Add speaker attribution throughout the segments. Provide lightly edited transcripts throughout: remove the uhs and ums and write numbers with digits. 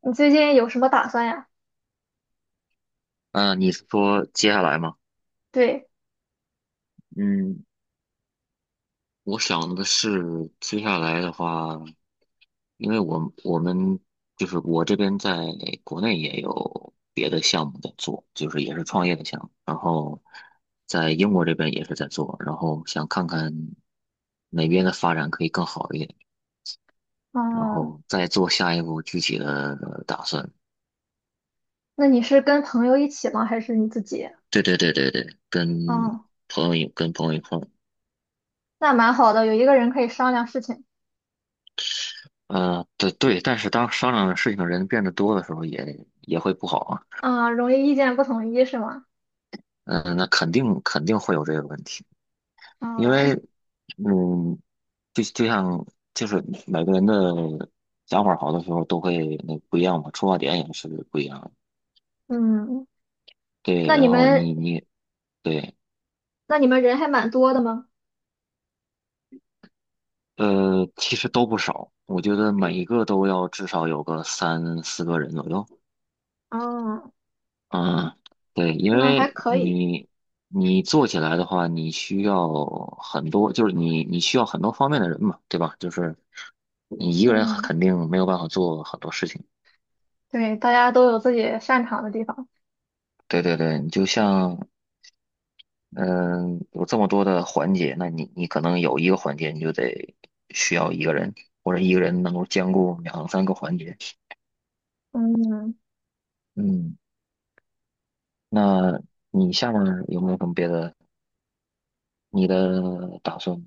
Speaker 1: 你最近有什么打算呀？
Speaker 2: 嗯，你是说接下来吗？
Speaker 1: 对，
Speaker 2: 嗯，我想的是接下来的话，因为我们就是我这边在国内也有别的项目在做，就是也是创业的项目，然后在英国这边也是在做，然后想看看哪边的发展可以更好一点，然
Speaker 1: 嗯，
Speaker 2: 后再做下一步具体的打算。
Speaker 1: 那你是跟朋友一起吗？还是你自己？
Speaker 2: 对对对对对，跟
Speaker 1: 嗯，
Speaker 2: 朋友一跟朋友一块儿。
Speaker 1: 那蛮好的，有一个人可以商量事情。
Speaker 2: 对对，但是当商量的事情的人变得多的时候也会不好啊。
Speaker 1: 啊、容易意见不统一是吗？
Speaker 2: 嗯、那肯定肯定会有这个问题，因为，
Speaker 1: 嗯
Speaker 2: 嗯，就像就是每个人的想法好的时候都会那不一样嘛，出发点也是不一样的。
Speaker 1: 嗯，
Speaker 2: 对，
Speaker 1: 那你
Speaker 2: 然后
Speaker 1: 们
Speaker 2: 你对。
Speaker 1: 那你们人还蛮多的吗？
Speaker 2: 其实都不少，我觉得每一个都要至少有个三四个人左右。
Speaker 1: 嗯，
Speaker 2: 嗯，对，因
Speaker 1: 那还
Speaker 2: 为
Speaker 1: 可以。
Speaker 2: 你做起来的话，你需要很多，就是你需要很多方面的人嘛，对吧？就是你一个人
Speaker 1: 嗯，
Speaker 2: 肯定没有办法做很多事情。
Speaker 1: 对，大家都有自己擅长的地方。
Speaker 2: 对对对，你就像嗯，有这么多的环节，那你可能有一个环节你就得需要一个人，或者一个人能够兼顾两三个环节。
Speaker 1: 嗯。
Speaker 2: 嗯，那你下面有没有什么别的你的打算？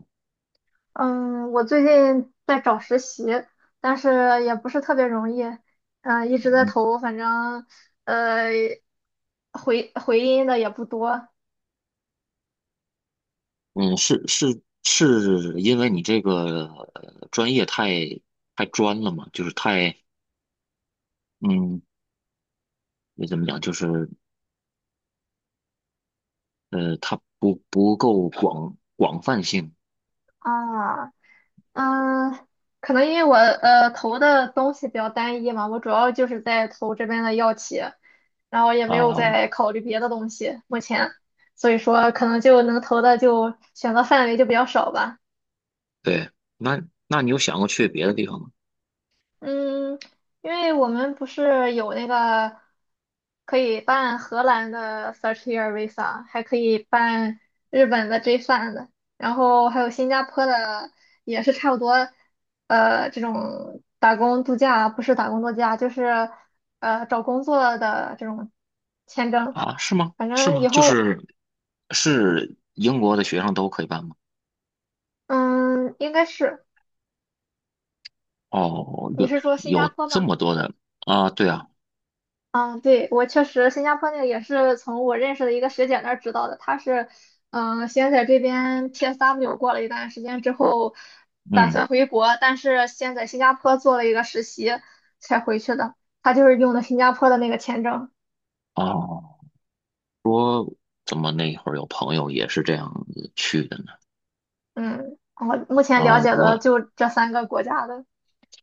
Speaker 1: 嗯，我最近在找实习，但是也不是特别容易，嗯、一直在
Speaker 2: 嗯
Speaker 1: 投，反正呃，回音的也不多
Speaker 2: 嗯，是是是因为你这个专业太专了嘛，就是太嗯，你怎么讲，就是它不够广泛性
Speaker 1: 啊，嗯，可能因为我投的东西比较单一嘛，我主要就是在投这边的药企，然后也没有
Speaker 2: 啊。
Speaker 1: 在考虑别的东西，目前，所以说可能就能投的就选择范围就比较少吧。
Speaker 2: 对，那那你有想过去别的地方吗？
Speaker 1: 嗯，因为我们不是有那个可以办荷兰的 First Year Visa，还可以办日本的 J3 的，然后还有新加坡的，也是差不多，这种打工度假不是打工度假，就是找工作的这种签证，
Speaker 2: 啊，是吗？
Speaker 1: 反
Speaker 2: 是
Speaker 1: 正以
Speaker 2: 吗？就
Speaker 1: 后
Speaker 2: 是是英国的学生都可以办吗？
Speaker 1: 嗯应该是
Speaker 2: 哦，
Speaker 1: 你
Speaker 2: 有
Speaker 1: 是说新加
Speaker 2: 有
Speaker 1: 坡
Speaker 2: 这
Speaker 1: 吗？
Speaker 2: 么多的啊？对啊。
Speaker 1: 嗯，对，我确实，新加坡那个也是从我认识的一个学姐那儿知道的。她是，嗯、先在这边 PSW 过了一段时间之后，打
Speaker 2: 嗯，
Speaker 1: 算回国，但是先在新加坡做了一个实习才回去的。她就是用的新加坡的那个签证。
Speaker 2: 哦，怎么那会儿有朋友也是这样子去的呢？
Speaker 1: 嗯，我目前了
Speaker 2: 啊，
Speaker 1: 解的
Speaker 2: 我
Speaker 1: 就这三个国家的，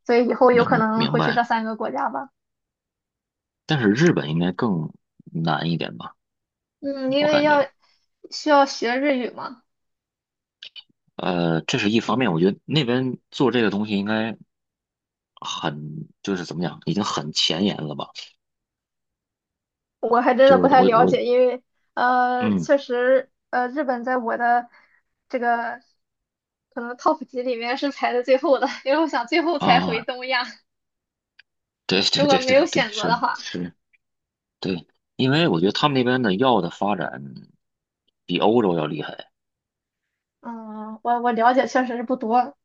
Speaker 1: 所以以后有可
Speaker 2: 明
Speaker 1: 能
Speaker 2: 明
Speaker 1: 会去这
Speaker 2: 白。
Speaker 1: 三个国家吧。
Speaker 2: 但是日本应该更难一点吧，
Speaker 1: 嗯，因
Speaker 2: 我
Speaker 1: 为
Speaker 2: 感觉。
Speaker 1: 需要学日语嘛。
Speaker 2: 这是一方面，我觉得那边做这个东西应该很，就是怎么讲，已经很前沿了吧？
Speaker 1: 我还真的
Speaker 2: 就
Speaker 1: 不
Speaker 2: 是
Speaker 1: 太
Speaker 2: 我
Speaker 1: 了
Speaker 2: 我
Speaker 1: 解，因为
Speaker 2: 嗯
Speaker 1: 确实日本在我的这个可能 top 级里面是排在最后的，因为我想最后才回
Speaker 2: 啊，
Speaker 1: 东亚，
Speaker 2: 对
Speaker 1: 如
Speaker 2: 对
Speaker 1: 果
Speaker 2: 对
Speaker 1: 没有
Speaker 2: 对对，
Speaker 1: 选择的
Speaker 2: 是
Speaker 1: 话，
Speaker 2: 是。对，因为我觉得他们那边的药的发展比欧洲要厉害
Speaker 1: 嗯，我了解确实是不多，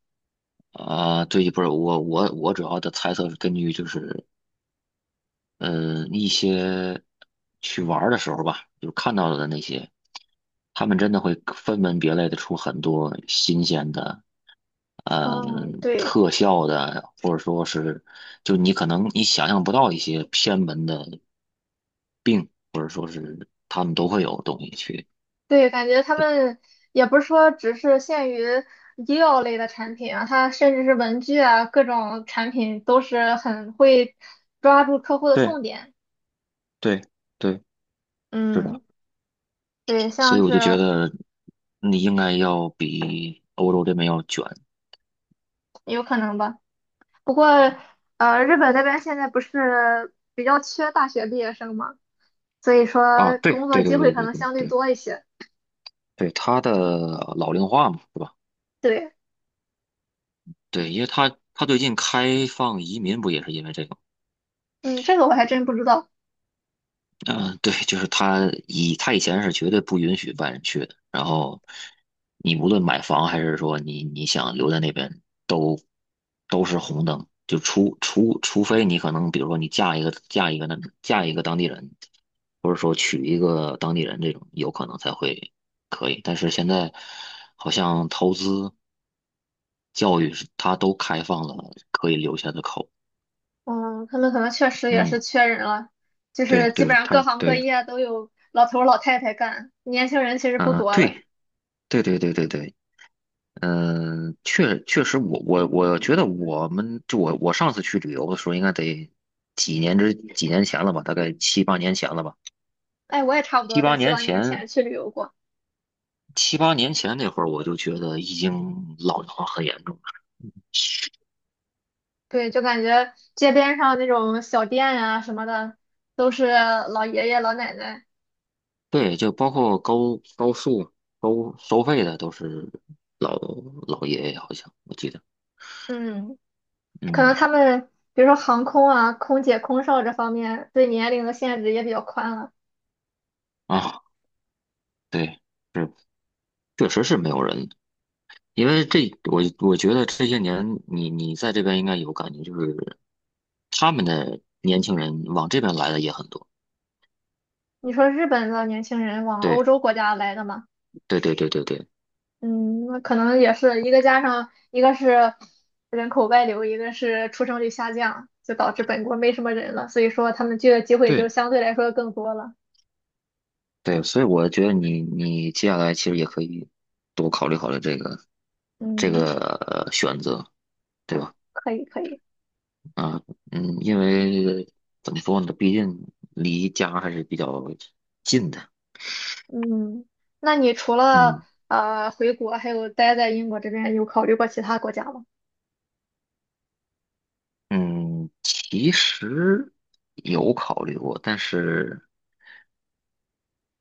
Speaker 2: 啊。对，不是我主要的猜测是根据就是嗯，一些去玩儿的时候吧，就看到的那些，他们真的会分门别类的出很多新鲜的，
Speaker 1: 嗯，对
Speaker 2: 特效的，或者说是，就你可能你想象不到一些偏门的病，或者说是他们都会有东西去，
Speaker 1: 对，感觉他们也不是说只是限于医药类的产品啊，它甚至是文具啊，各种产品都是很会抓住客户的
Speaker 2: 对
Speaker 1: 痛点，
Speaker 2: 对对，是
Speaker 1: 嗯，
Speaker 2: 的，
Speaker 1: 对，
Speaker 2: 所
Speaker 1: 像
Speaker 2: 以我
Speaker 1: 是
Speaker 2: 就觉得你应该要比欧洲这边要卷。
Speaker 1: 有可能吧。不过，日本那边现在不是比较缺大学毕业生嘛，所以
Speaker 2: 啊，
Speaker 1: 说
Speaker 2: 对
Speaker 1: 工作
Speaker 2: 对
Speaker 1: 机
Speaker 2: 对
Speaker 1: 会
Speaker 2: 对
Speaker 1: 可
Speaker 2: 对
Speaker 1: 能
Speaker 2: 对
Speaker 1: 相对
Speaker 2: 对。
Speaker 1: 多一些。
Speaker 2: 对他的老龄化嘛，是吧？
Speaker 1: 对，
Speaker 2: 对，因为他最近开放移民不也是因为这个吗？
Speaker 1: 嗯，这个我还真不知道。
Speaker 2: 嗯、对，就是他以前是绝对不允许外人去的，然后你无论买房还是说你想留在那边，都是红灯，就除非你可能比如说你嫁一个当地人，或者说娶一个当地人这种，有可能才会可以。但是现在好像投资、教育是他都开放了可以留下的口。
Speaker 1: 嗯，他们可能确实也是
Speaker 2: 嗯，
Speaker 1: 缺人了，就
Speaker 2: 对
Speaker 1: 是基
Speaker 2: 对，
Speaker 1: 本上各
Speaker 2: 他
Speaker 1: 行各
Speaker 2: 对
Speaker 1: 业都有老头儿老太太干，年轻人其实不
Speaker 2: 啊，
Speaker 1: 多了。
Speaker 2: 对对对对对对。嗯、确实我觉得我们就我我上次去旅游的时候，应该得几年前了吧，大概七八年前了吧。
Speaker 1: 哎，我也差不
Speaker 2: 七
Speaker 1: 多在
Speaker 2: 八
Speaker 1: 七
Speaker 2: 年
Speaker 1: 八年
Speaker 2: 前
Speaker 1: 前去旅游过，
Speaker 2: 七八年前那会儿，我就觉得已经老龄化很严重了。
Speaker 1: 对，就感觉街边上那种小店呀、什么的，都是老爷爷老奶奶。
Speaker 2: 对，就包括高速收费的都是老老爷爷，好像我记得。
Speaker 1: 嗯。可
Speaker 2: 嗯
Speaker 1: 能他们比如说航空啊、空姐、空少这方面对年龄的限制也比较宽了。
Speaker 2: 啊，对，是确实是没有人。因为我觉得这些年你在这边应该有感觉，就是他们的年轻人往这边来的也很多。
Speaker 1: 你说日本的年轻人往欧
Speaker 2: 对
Speaker 1: 洲国家来的嘛，
Speaker 2: 对对对对对
Speaker 1: 嗯，那可能也是一个加上一个是人口外流，一个是出生率下降，就导致本国没什么人了，所以说他们就业机会就
Speaker 2: 对
Speaker 1: 相对来说更多了。
Speaker 2: 对，所以我觉得你接下来其实也可以多考虑考虑这个这
Speaker 1: 嗯，
Speaker 2: 个选择，对吧？
Speaker 1: 可以可以，
Speaker 2: 啊嗯，因为怎么说呢，毕竟离家还是比较近的。
Speaker 1: 嗯，那你除了
Speaker 2: 嗯
Speaker 1: 回国，还有待在英国这边，有考虑过其他国家吗？
Speaker 2: 嗯，其实有考虑过，但是。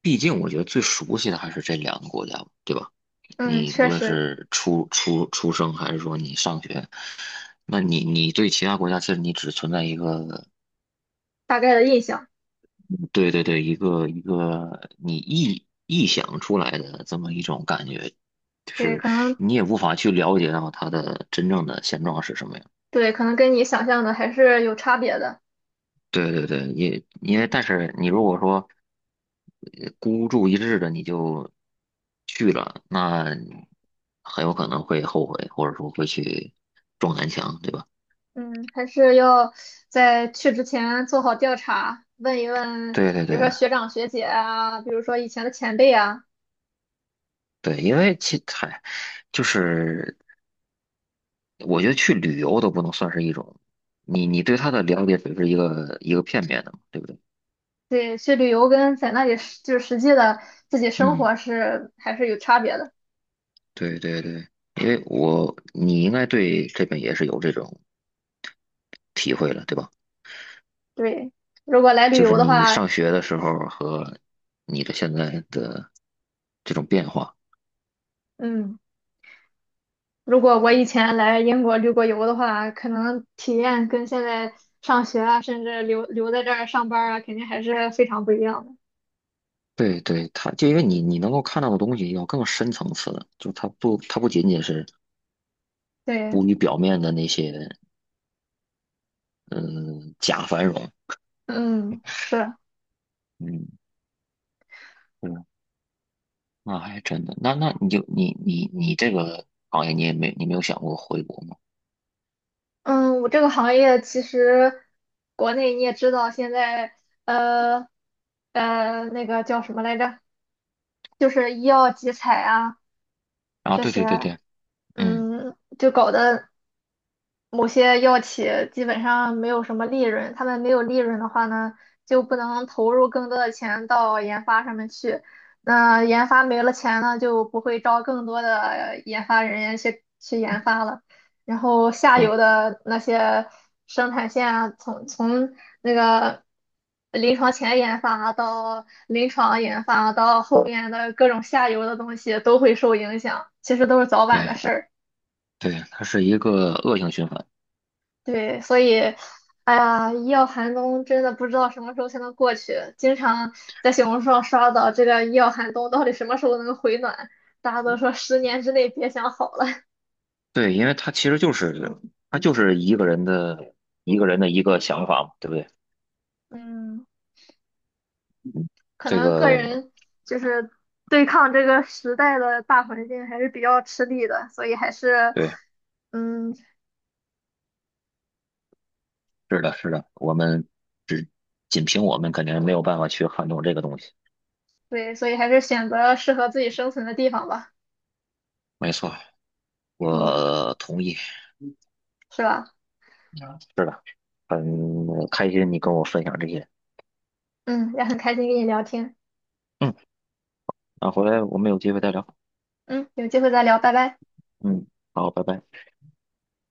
Speaker 2: 毕竟我觉得最熟悉的还是这两个国家，对吧？
Speaker 1: 嗯，
Speaker 2: 你无
Speaker 1: 确
Speaker 2: 论
Speaker 1: 实，
Speaker 2: 是出生，还是说你上学，那你对其他国家，其实你只存在一个。
Speaker 1: 大概的印象。
Speaker 2: 对对对，一个一个你臆想出来的这么一种感觉，就
Speaker 1: 对，
Speaker 2: 是
Speaker 1: 可能
Speaker 2: 你也无法去了解到它的真正的现状是什么样。
Speaker 1: 跟你想象的还是有差别的。
Speaker 2: 对对对，也因为但是你如果说孤注一掷的你就去了，那很有可能会后悔，或者说会去撞南墙，对吧？
Speaker 1: 嗯，还是要在去之前做好调查，问一问，
Speaker 2: 对对
Speaker 1: 比
Speaker 2: 对
Speaker 1: 如说学长学姐啊，比如说以前的前辈啊，
Speaker 2: 对，因为就是我觉得去旅游都不能算是一种，你对他的了解只是一个一个片面的嘛，对不对？
Speaker 1: 对，去旅游跟在那里就是实际的自己生
Speaker 2: 嗯，
Speaker 1: 活是还是有差别的。
Speaker 2: 对对对，因为你应该对这边也是有这种体会了，对吧？
Speaker 1: 对，如果来旅
Speaker 2: 就是
Speaker 1: 游的
Speaker 2: 你
Speaker 1: 话，
Speaker 2: 上学的时候和你的现在的这种变化。
Speaker 1: 嗯，如果我以前来英国旅过游的话，可能体验跟现在上学啊，甚至留在这儿上班儿啊，肯定还是非常不一样的。
Speaker 2: 对对，它就因为你能够看到的东西要更深层次的，就它不仅仅是
Speaker 1: 对，
Speaker 2: 浮于表面的那些嗯假繁荣。
Speaker 1: 嗯，是。
Speaker 2: 嗯，对，那还真的，那你这个行业你没有想过回国吗？
Speaker 1: 嗯，我这个行业其实国内你也知道，现在呃那个叫什么来着，就是医药集采啊
Speaker 2: 啊，
Speaker 1: 这
Speaker 2: 对
Speaker 1: 些，
Speaker 2: 对对对，嗯，
Speaker 1: 嗯，就搞得某些药企基本上没有什么利润，他们没有利润的话呢，就不能投入更多的钱到研发上面去。那研发没了钱呢，就不会招更多的研发人员去研发了。然后下
Speaker 2: 不，
Speaker 1: 游的那些生产线啊，从那个临床前研发到临床研发到后面的各种下游的东西都会受影响，其实都是早晚的
Speaker 2: 对
Speaker 1: 事儿。
Speaker 2: 对，它是一个恶性循环。
Speaker 1: 对，所以，哎呀，医药寒冬真的不知道什么时候才能过去。经常在小红书上刷到这个医药寒冬到底什么时候能回暖，大家都说10年之内别想好了。
Speaker 2: 对，因为他就是一个人的一个想法嘛，对不对？
Speaker 1: 嗯，
Speaker 2: 嗯
Speaker 1: 可
Speaker 2: 这
Speaker 1: 能个
Speaker 2: 个
Speaker 1: 人就是对抗这个时代的大环境还是比较吃力的，所以还是，
Speaker 2: 对，
Speaker 1: 嗯，
Speaker 2: 是的，是的，我们只仅凭我们肯定没有办法去撼动这个东西。
Speaker 1: 对，所以还是选择适合自己生存的地方吧。
Speaker 2: 没错，
Speaker 1: 嗯，
Speaker 2: 我同意。
Speaker 1: 是吧？
Speaker 2: 嗯是的，很开心你跟我分享这些。
Speaker 1: 嗯，也很开心跟你聊天。
Speaker 2: 嗯，那回来我们有机会再聊。
Speaker 1: 嗯，有机会再聊，拜拜。
Speaker 2: 嗯，好，拜拜。